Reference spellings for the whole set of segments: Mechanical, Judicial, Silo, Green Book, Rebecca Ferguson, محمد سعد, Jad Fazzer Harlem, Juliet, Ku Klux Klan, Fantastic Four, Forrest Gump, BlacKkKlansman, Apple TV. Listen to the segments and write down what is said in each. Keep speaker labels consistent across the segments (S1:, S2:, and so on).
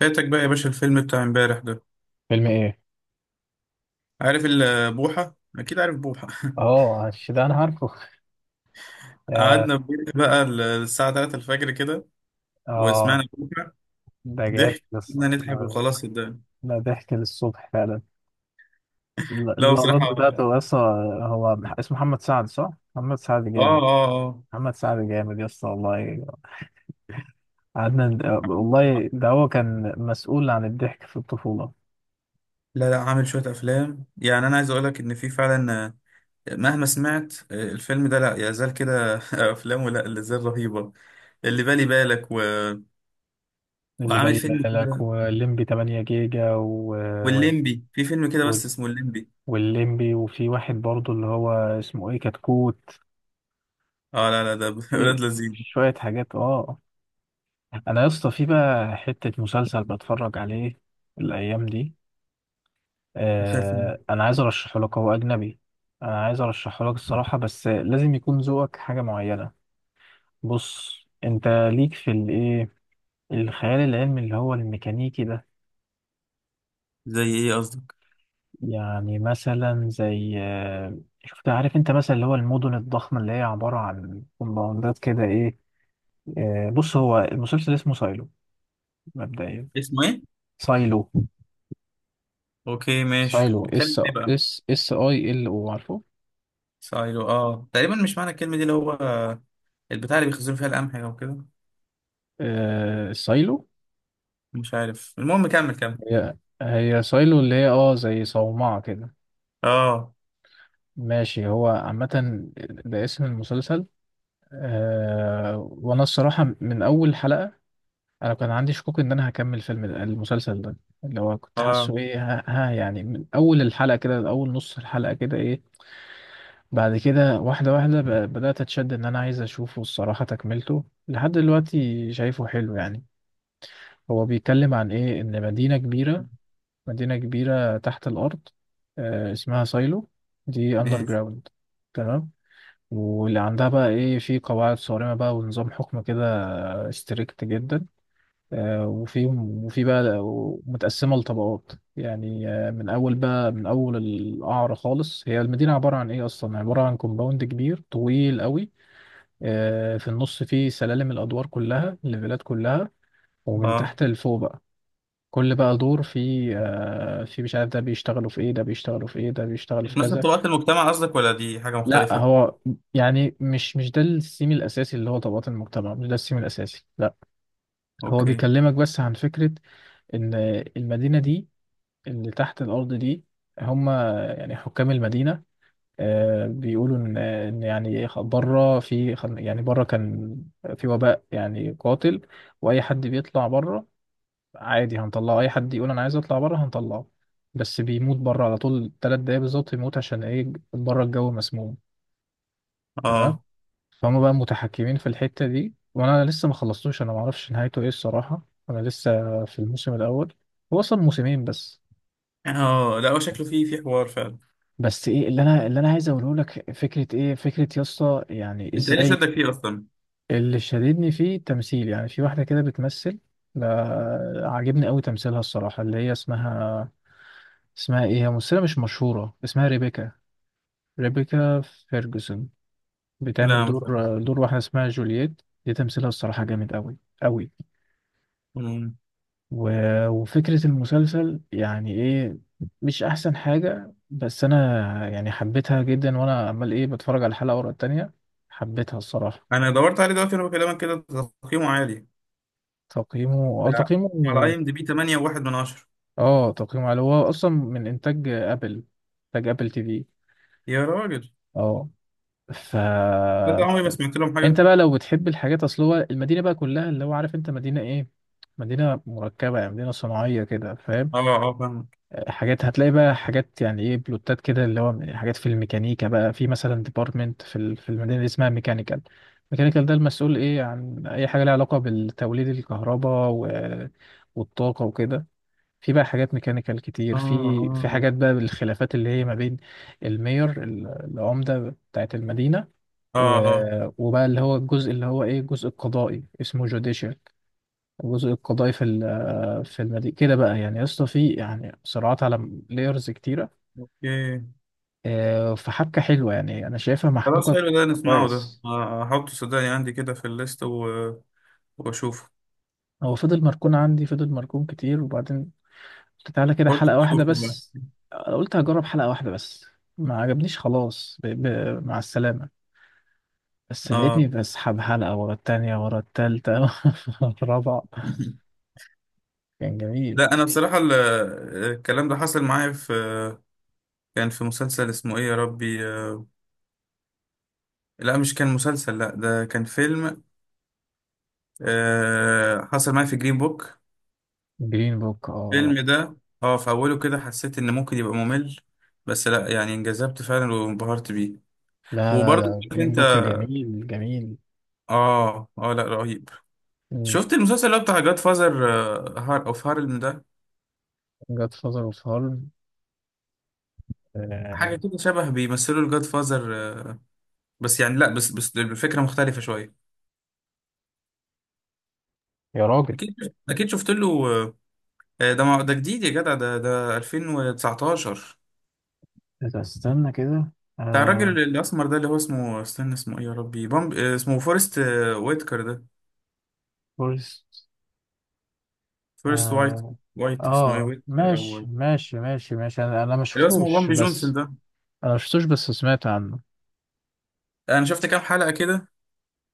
S1: فاتك بقى يا باشا الفيلم بتاع امبارح ده.
S2: فيلم ايه؟
S1: عارف بوحة، اكيد عارف بوحة.
S2: اه ده انا عارفه. يا-
S1: قعدنا في بيت بقى الساعة 3 الفجر كده وسمعنا
S2: اه
S1: بوحة
S2: ده جامد
S1: ضحك.
S2: لسه
S1: قعدنا نضحك
S2: ده.
S1: وخلاص صدقني.
S2: ده ضحك للصبح فعلا.
S1: لا
S2: اللقطات
S1: بصراحة اه
S2: بتاعته لسه. هو اسمه محمد سعد صح؟ محمد سعد
S1: اه
S2: جامد.
S1: اه.
S2: محمد سعد جامد يسطا والله. قعدنا والله، ده هو كان مسؤول عن الضحك في الطفولة،
S1: لا لا، عامل شوية افلام، يعني انا عايز اقول لك ان في فعلا، مهما سمعت، الفيلم ده لا يزال كده. افلامه لا زال رهيبة. اللي بالي بالك و...
S2: اللي
S1: وعامل
S2: بالي
S1: فيلم
S2: بالك،
S1: كده.
S2: والليمبي 8 جيجا
S1: والليمبي في فيلم كده بس
S2: وال...
S1: اسمه الليمبي.
S2: والليمبي. وفي واحد برضه اللي هو اسمه ايه، كتكوت.
S1: اه، لا لا ده ولاد
S2: في
S1: لذيذ.
S2: شوية حاجات، اه. انا يا اسطى في بقى حته مسلسل بتفرج عليه الايام دي.
S1: مش عارف.
S2: انا عايز ارشحه لك، هو اجنبي. انا عايز ارشحه لك الصراحه، بس لازم يكون ذوقك حاجه معينه. بص، انت ليك في الايه، الخيال العلمي اللي هو الميكانيكي ده.
S1: زي ايه قصدك؟
S2: يعني مثلا زي شفت، عارف انت مثلا اللي هو المدن الضخمه اللي هي عباره عن كومباوندات كده ايه. بص، هو المسلسل اسمه سايلو، مبدئيا.
S1: اسمه ايه؟
S2: سايلو.
S1: اوكي ماشي،
S2: سايلو
S1: بيتكلم
S2: اس،
S1: ايه بقى؟
S2: اس اي ال او، عارفه.
S1: سايلو، اه تقريبا مش معنى الكلمة دي اللي هو البتاع اللي بيخزنوا فيها القمح او كده.
S2: سايلو.
S1: مش عارف المهم كمل كمل.
S2: هي هي سايلو اللي هي زي صومعة كده.
S1: اه.
S2: ماشي، هو عامة ده اسم المسلسل. وانا الصراحة من اول حلقة، انا كان عندي شكوك ان انا هكمل المسلسل ده، اللي هو كنت
S1: اه
S2: حاسه ايه، ها، يعني من اول الحلقة كده، اول نص الحلقة كده ايه. بعد كده، واحدة واحدة، بدأت اتشد ان انا عايز اشوفه الصراحة، تكملته لحد دلوقتي شايفه حلو يعني. هو بيتكلم عن ايه، ان مدينة كبيرة، مدينة كبيرة تحت الأرض، اسمها سايلو، دي أندر
S1: ماشي.
S2: جراوند. تمام. واللي عندها بقى إيه، في قواعد صارمة بقى ونظام حكم كده ستريكت جدا. وفي بقى متقسمة لطبقات يعني، من أول بقى من أول القعر خالص، هي المدينة عبارة عن إيه، أصلا عبارة عن كومباوند كبير طويل قوي. في النص فيه سلالم، الأدوار كلها، الليفلات كلها، ومن
S1: اه.
S2: تحت لفوق بقى. كل بقى دور في مش عارف، ده بيشتغلوا في ايه، ده بيشتغلوا في ايه، ده بيشتغلوا في
S1: نفس
S2: كذا.
S1: طبقات المجتمع قصدك ولا دي حاجة
S2: لا،
S1: مختلفة؟
S2: هو يعني مش ده السيم الاساسي، اللي هو طبقات المجتمع مش ده السيم الاساسي، لا. هو
S1: اوكي.
S2: بيكلمك بس عن فكرة، ان المدينة دي، اللي تحت الارض دي، هم يعني حكام المدينة، بيقولوا ان يعني بره في، يعني بره كان في وباء يعني قاتل، واي حد بيطلع بره عادي هنطلعه، اي حد يقول انا عايز اطلع بره هنطلعه، بس بيموت بره على طول، تلات دقايق بالظبط يموت، عشان ايه، بره الجو مسموم. تمام.
S1: اه
S2: فهم بقى متحكمين في الحتة دي، وانا لسه ما خلصتوش، انا ما اعرفش نهايته ايه الصراحة، انا لسه في الموسم الاول، هو اصلا موسمين بس.
S1: اه. لا هو شكله فيه حوار فعلا.
S2: بس ايه اللي انا عايز اقوله لك، فكرة ايه، فكرة يا اسطى يعني
S1: انت ايه اللي
S2: ازاي.
S1: شدك فيه اصلا؟
S2: اللي شددني فيه تمثيل، يعني في واحدة كده بتمثل، عاجبني قوي تمثيلها الصراحة، اللي هي اسمها، اسمها ايه، هي ممثلة مش مشهورة، اسمها ريبيكا. ريبيكا فيرجسون. بتعمل
S1: لا مش عارف.
S2: دور واحدة اسمها جولييت، دي تمثيلها الصراحة جامد أوي، أوي.
S1: مم.
S2: و... وفكرة المسلسل يعني ايه، مش أحسن حاجة، بس أنا يعني حبيتها جدا، وأنا عمال ايه بتفرج على الحلقة ورا التانية. حبيتها الصراحة.
S1: انا دورت عليه دلوقتي وانا بكلمك كده. تقييمه عالي.
S2: تقييمه اه
S1: لا،
S2: تقييمه
S1: على اي ام دي بي 8 وواحد من عشرة.
S2: اه، تقييمه على، هو أصلا من إنتاج أبل، إنتاج أبل تي في.
S1: يا راجل،
S2: اه. ف
S1: ده عمري ما سمعت لهم
S2: انت
S1: حاجة.
S2: بقى لو بتحب الحاجات، اصل هو المدينه بقى كلها اللي هو عارف انت مدينه ايه، مدينه مركبه يعني، مدينه صناعيه كده، فاهم.
S1: اه اه فاهم.
S2: حاجات هتلاقي بقى، حاجات يعني ايه، بلوتات كده، اللي هو حاجات في الميكانيكا بقى، في مثلا ديبارتمنت في المدينه اللي اسمها ميكانيكال. ميكانيكال ده المسؤول ايه عن اي حاجه لها علاقه بالتوليد الكهرباء والطاقه وكده. في بقى حاجات ميكانيكال كتير،
S1: اه
S2: في حاجات
S1: اه.
S2: بقى بالخلافات اللي هي ما بين المير العمده بتاعت المدينه،
S1: اه
S2: و...
S1: اه.
S2: وبقى اللي هو الجزء اللي هو ايه، الجزء القضائي اسمه جوديشال. الجزء القضائي في المدينة كده بقى، يعني يا اسطى، في يعني صراعات على لايرز كتيرة،
S1: اوكي.
S2: فحبكة حلوة، يعني انا شايفها
S1: خلاص
S2: محبوكة.
S1: حلو ده نسمعه ده،
S2: كويس.
S1: احطه صدقني عندي كده في الليست و... واشوفه.
S2: هو فضل مركون عندي، فضل مركون كتير، وبعدين قلت تعالى كده
S1: قلت
S2: حلقة واحدة
S1: تشوفه بقى.
S2: بس، أنا قلت هجرب حلقة واحدة بس، ما عجبنيش خلاص، مع السلامة. بس
S1: اه.
S2: لقيتني بسحب حلقة ورا التانية، ورا التالتة ورا الرابعة. كان جميل.
S1: لا انا بصراحة الكلام ده حصل معايا في، كان في مسلسل اسمه ايه يا ربي، لا مش كان مسلسل، لا ده كان فيلم. حصل معايا في جرين بوك.
S2: جرين بوك، اه.
S1: الفيلم ده، اه في اوله كده حسيت ان ممكن يبقى ممل، بس لا يعني انجذبت فعلا وانبهرت بيه.
S2: لا لا
S1: وبرضه
S2: لا،
S1: عارف
S2: جرين
S1: انت.
S2: بوك جميل، جميل.
S1: اه اه، لا رهيب. شفت المسلسل اللي هو بتاع جاد فازر، هار اوف هارلم ده؟
S2: جاد فازر اوف هارم.
S1: حاجه كده شبه بيمثلوا الجاد فازر، بس يعني لا، بس الفكره مختلفه شويه.
S2: يا راجل.
S1: اكيد اكيد شفت له، ده ده جديد يا جدع، ده 2019.
S2: إذا استنى كده،
S1: بتاع
S2: آه.
S1: الراجل الاسمر ده اللي هو اسمه، استنى اسمه ايه يا ربي، بامب، اسمه فورست، ويتكر ده.
S2: فورست،
S1: فورست وايت.
S2: آه,
S1: وايت اسمه ايه،
S2: اه،
S1: ويتكر
S2: ماشي
S1: او.
S2: ماشي ماشي ماشي، انا ما
S1: اللي هو اسمه
S2: شفتوش،
S1: بامبي جونسون
S2: بس
S1: ده.
S2: انا ما شفتوش، بس سمعت عنه.
S1: انا شفت كام حلقه كده،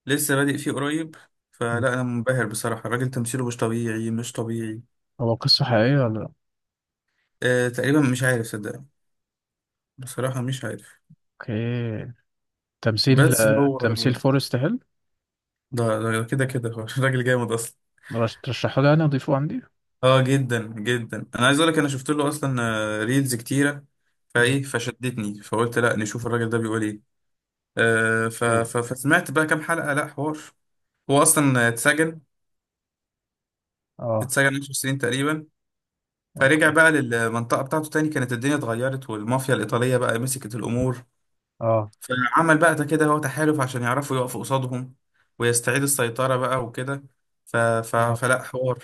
S1: لسه بادئ فيه قريب، فلا
S2: م.
S1: انا منبهر بصراحه، الراجل تمثيله مش طبيعي، مش طبيعي.
S2: هو قصة حقيقية ولا لأ؟
S1: آه تقريبا، مش عارف صدقني، بصراحة مش عارف.
S2: اوكي. تمثيل
S1: بس هو،
S2: فورست هيل.
S1: ده كده كده هو راجل جامد أصلا.
S2: ترشحه لي يعني، اضيفه عندي.
S1: اه جدا جدا، انا عايز اقول لك انا شفت له اصلا، ريلز كتيره،
S2: م.
S1: فايه فشدتني فقلت لا نشوف الراجل ده بيقول ايه. آه، ف
S2: إيه.
S1: ف فسمعت بقى كام حلقه، لا حوار. هو اصلا اتسجن،
S2: اه،
S1: 10 سنين تقريبا. فرجع
S2: اوكي،
S1: بقى للمنطقه بتاعته تاني، كانت الدنيا اتغيرت والمافيا الايطاليه بقى مسكت الامور.
S2: اه،
S1: فعمل بقى ده كده هو تحالف عشان يعرفوا يقفوا قصادهم ويستعيد السيطرة بقى وكده.
S2: اه،
S1: فلا حوار،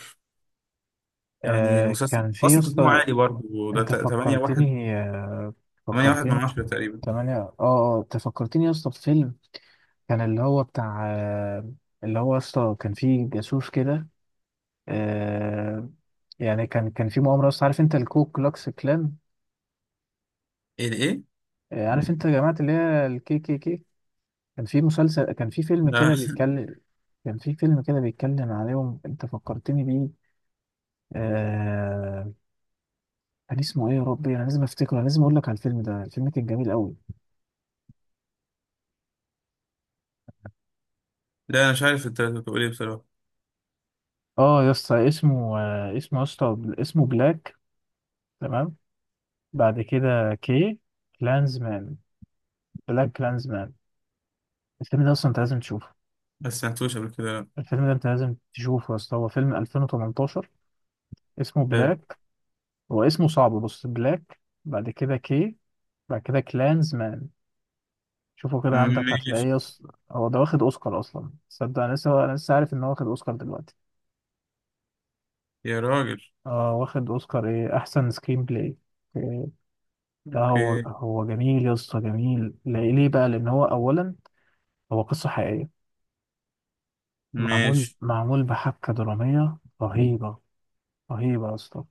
S1: يعني المسلسل
S2: كان في
S1: أصلا تقييمه
S2: يسطا،
S1: عالي برضه ده،
S2: انت
S1: 8 واحد،
S2: فكرتني آه،
S1: 8 واحد من
S2: فكرتني
S1: عشرة تقريبا.
S2: تمانية، اه، اه، انت فكرتني يا اسطى بفيلم، كان اللي هو بتاع، اللي هو يا اسطى كان فيه جاسوس كده. آه، يعني كان في مؤامرة يا اسطى، عارف انت الكو كلوكس كلان،
S1: إيه ده إيه؟
S2: عارف انت يا جماعة اللي هي الـKKK. كان في فيلم كده
S1: لا
S2: بيتكلم، كان في فيلم كده بيتكلم عليهم، انت فكرتني بيه، آه، كان اسمه ايه يا ربي، انا لازم افتكره، انا لازم اقول لك على الفيلم ده، الفيلم كان جميل قوي.
S1: لا أنا مش عارف أنت بتقول إيه بصراحة.
S2: اه يا اسطى اسمه، يا اسطى اسمه بلاك. تمام. بعد كده كي. كلانزمان. بلاك كلانزمان. الفيلم ده اصلا انت لازم تشوفه،
S1: ما سمعتوش قبل كده، لا.
S2: الفيلم ده انت لازم تشوفه يا اسطى، هو فيلم 2018، اسمه
S1: حلو.
S2: بلاك. هو اسمه صعب، بص، بلاك، بعد كده كي، بعد كده كلانزمان. شوفه كده عندك، هتلاقيه
S1: ماشي.
S2: يا اسطى، هو ده واخد اوسكار اصلا، تصدق انا لسه عارف ان هو واخد اوسكار دلوقتي.
S1: يا راجل.
S2: اه، واخد اوسكار ايه، احسن سكرين بلاي. لا، هو
S1: أوكي.
S2: هو جميل يا اسطى، جميل، ليه بقى، لان هو اولا هو قصه حقيقيه، معمول
S1: ماشي.
S2: معمول بحبكه دراميه رهيبه، رهيبه يا اسطى.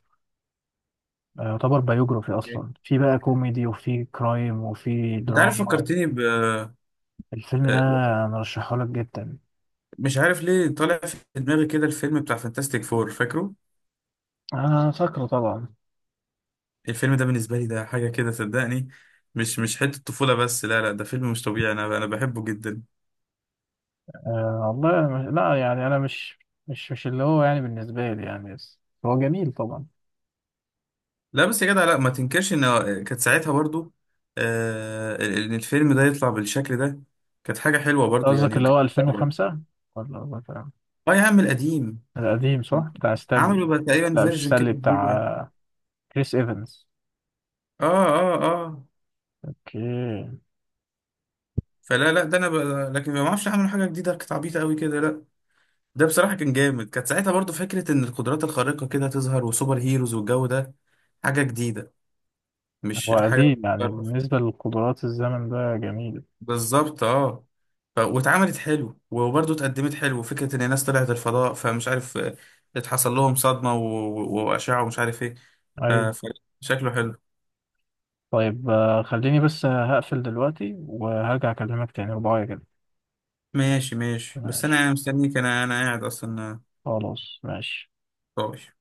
S2: يعتبر بايوجرافي
S1: أوكي.
S2: اصلا، في بقى كوميدي، وفي كرايم، وفي
S1: أنت عارف
S2: دراما.
S1: فكرتني ب...
S2: الفيلم ده
S1: آه،
S2: انا رشحه لك جدا.
S1: مش عارف ليه طالع في دماغي كده الفيلم بتاع فانتاستيك فور فاكره؟
S2: انا فاكره طبعا.
S1: الفيلم ده بالنسبة لي ده حاجة كده صدقني، مش حتة طفولة بس، لا لا ده فيلم مش طبيعي، أنا بحبه جدا.
S2: أه والله، أنا مش... لا، يعني انا مش اللي هو يعني بالنسبه لي يعني، بس هو جميل طبعا.
S1: لا بس يا جدع، لا ما تنكرش إن، كانت ساعتها برضو، آه إن الفيلم ده يطلع بالشكل ده كانت حاجة حلوة برضو
S2: قصدك
S1: يعني،
S2: اللي
S1: وكانت-.
S2: هو
S1: آه.
S2: 2005 ولا
S1: يا عم القديم،
S2: القديم؟ صح، بتاع ستانلي.
S1: عملوا بقى تقريبا
S2: لا، مش
S1: فيرجن
S2: ستانلي،
S1: كده جديد يعني.
S2: بتاع كريس ايفنز.
S1: آه آه آه.
S2: اوكي.
S1: فلا لا ده أنا ب... لكن ما أعرفش، عملوا حاجة جديدة كانت عبيطة قوي كده، لا ده بصراحة كان جامد، كانت ساعتها برضو فكرة إن القدرات الخارقة كده تظهر وسوبر هيروز والجو ده حاجة جديدة، مش
S2: هو
S1: حاجة
S2: قديم يعني،
S1: بتتكرر.
S2: بالنسبة للقدرات الزمن ده جميل.
S1: بالظبط اه. ف... واتعملت حلو، وبرضه اتقدمت حلو فكرة ان الناس طلعت الفضاء، فمش عارف، اتحصل لهم صدمة و... وأشعة ومش عارف ايه. ف...
S2: ايوه.
S1: فشكله حلو.
S2: طيب، خليني بس هقفل دلوقتي وهرجع اكلمك تاني رباية كده.
S1: ماشي ماشي، بس انا
S2: ماشي.
S1: يعني مستنيك، انا قاعد اصلا،
S2: خلاص ماشي.
S1: طوش.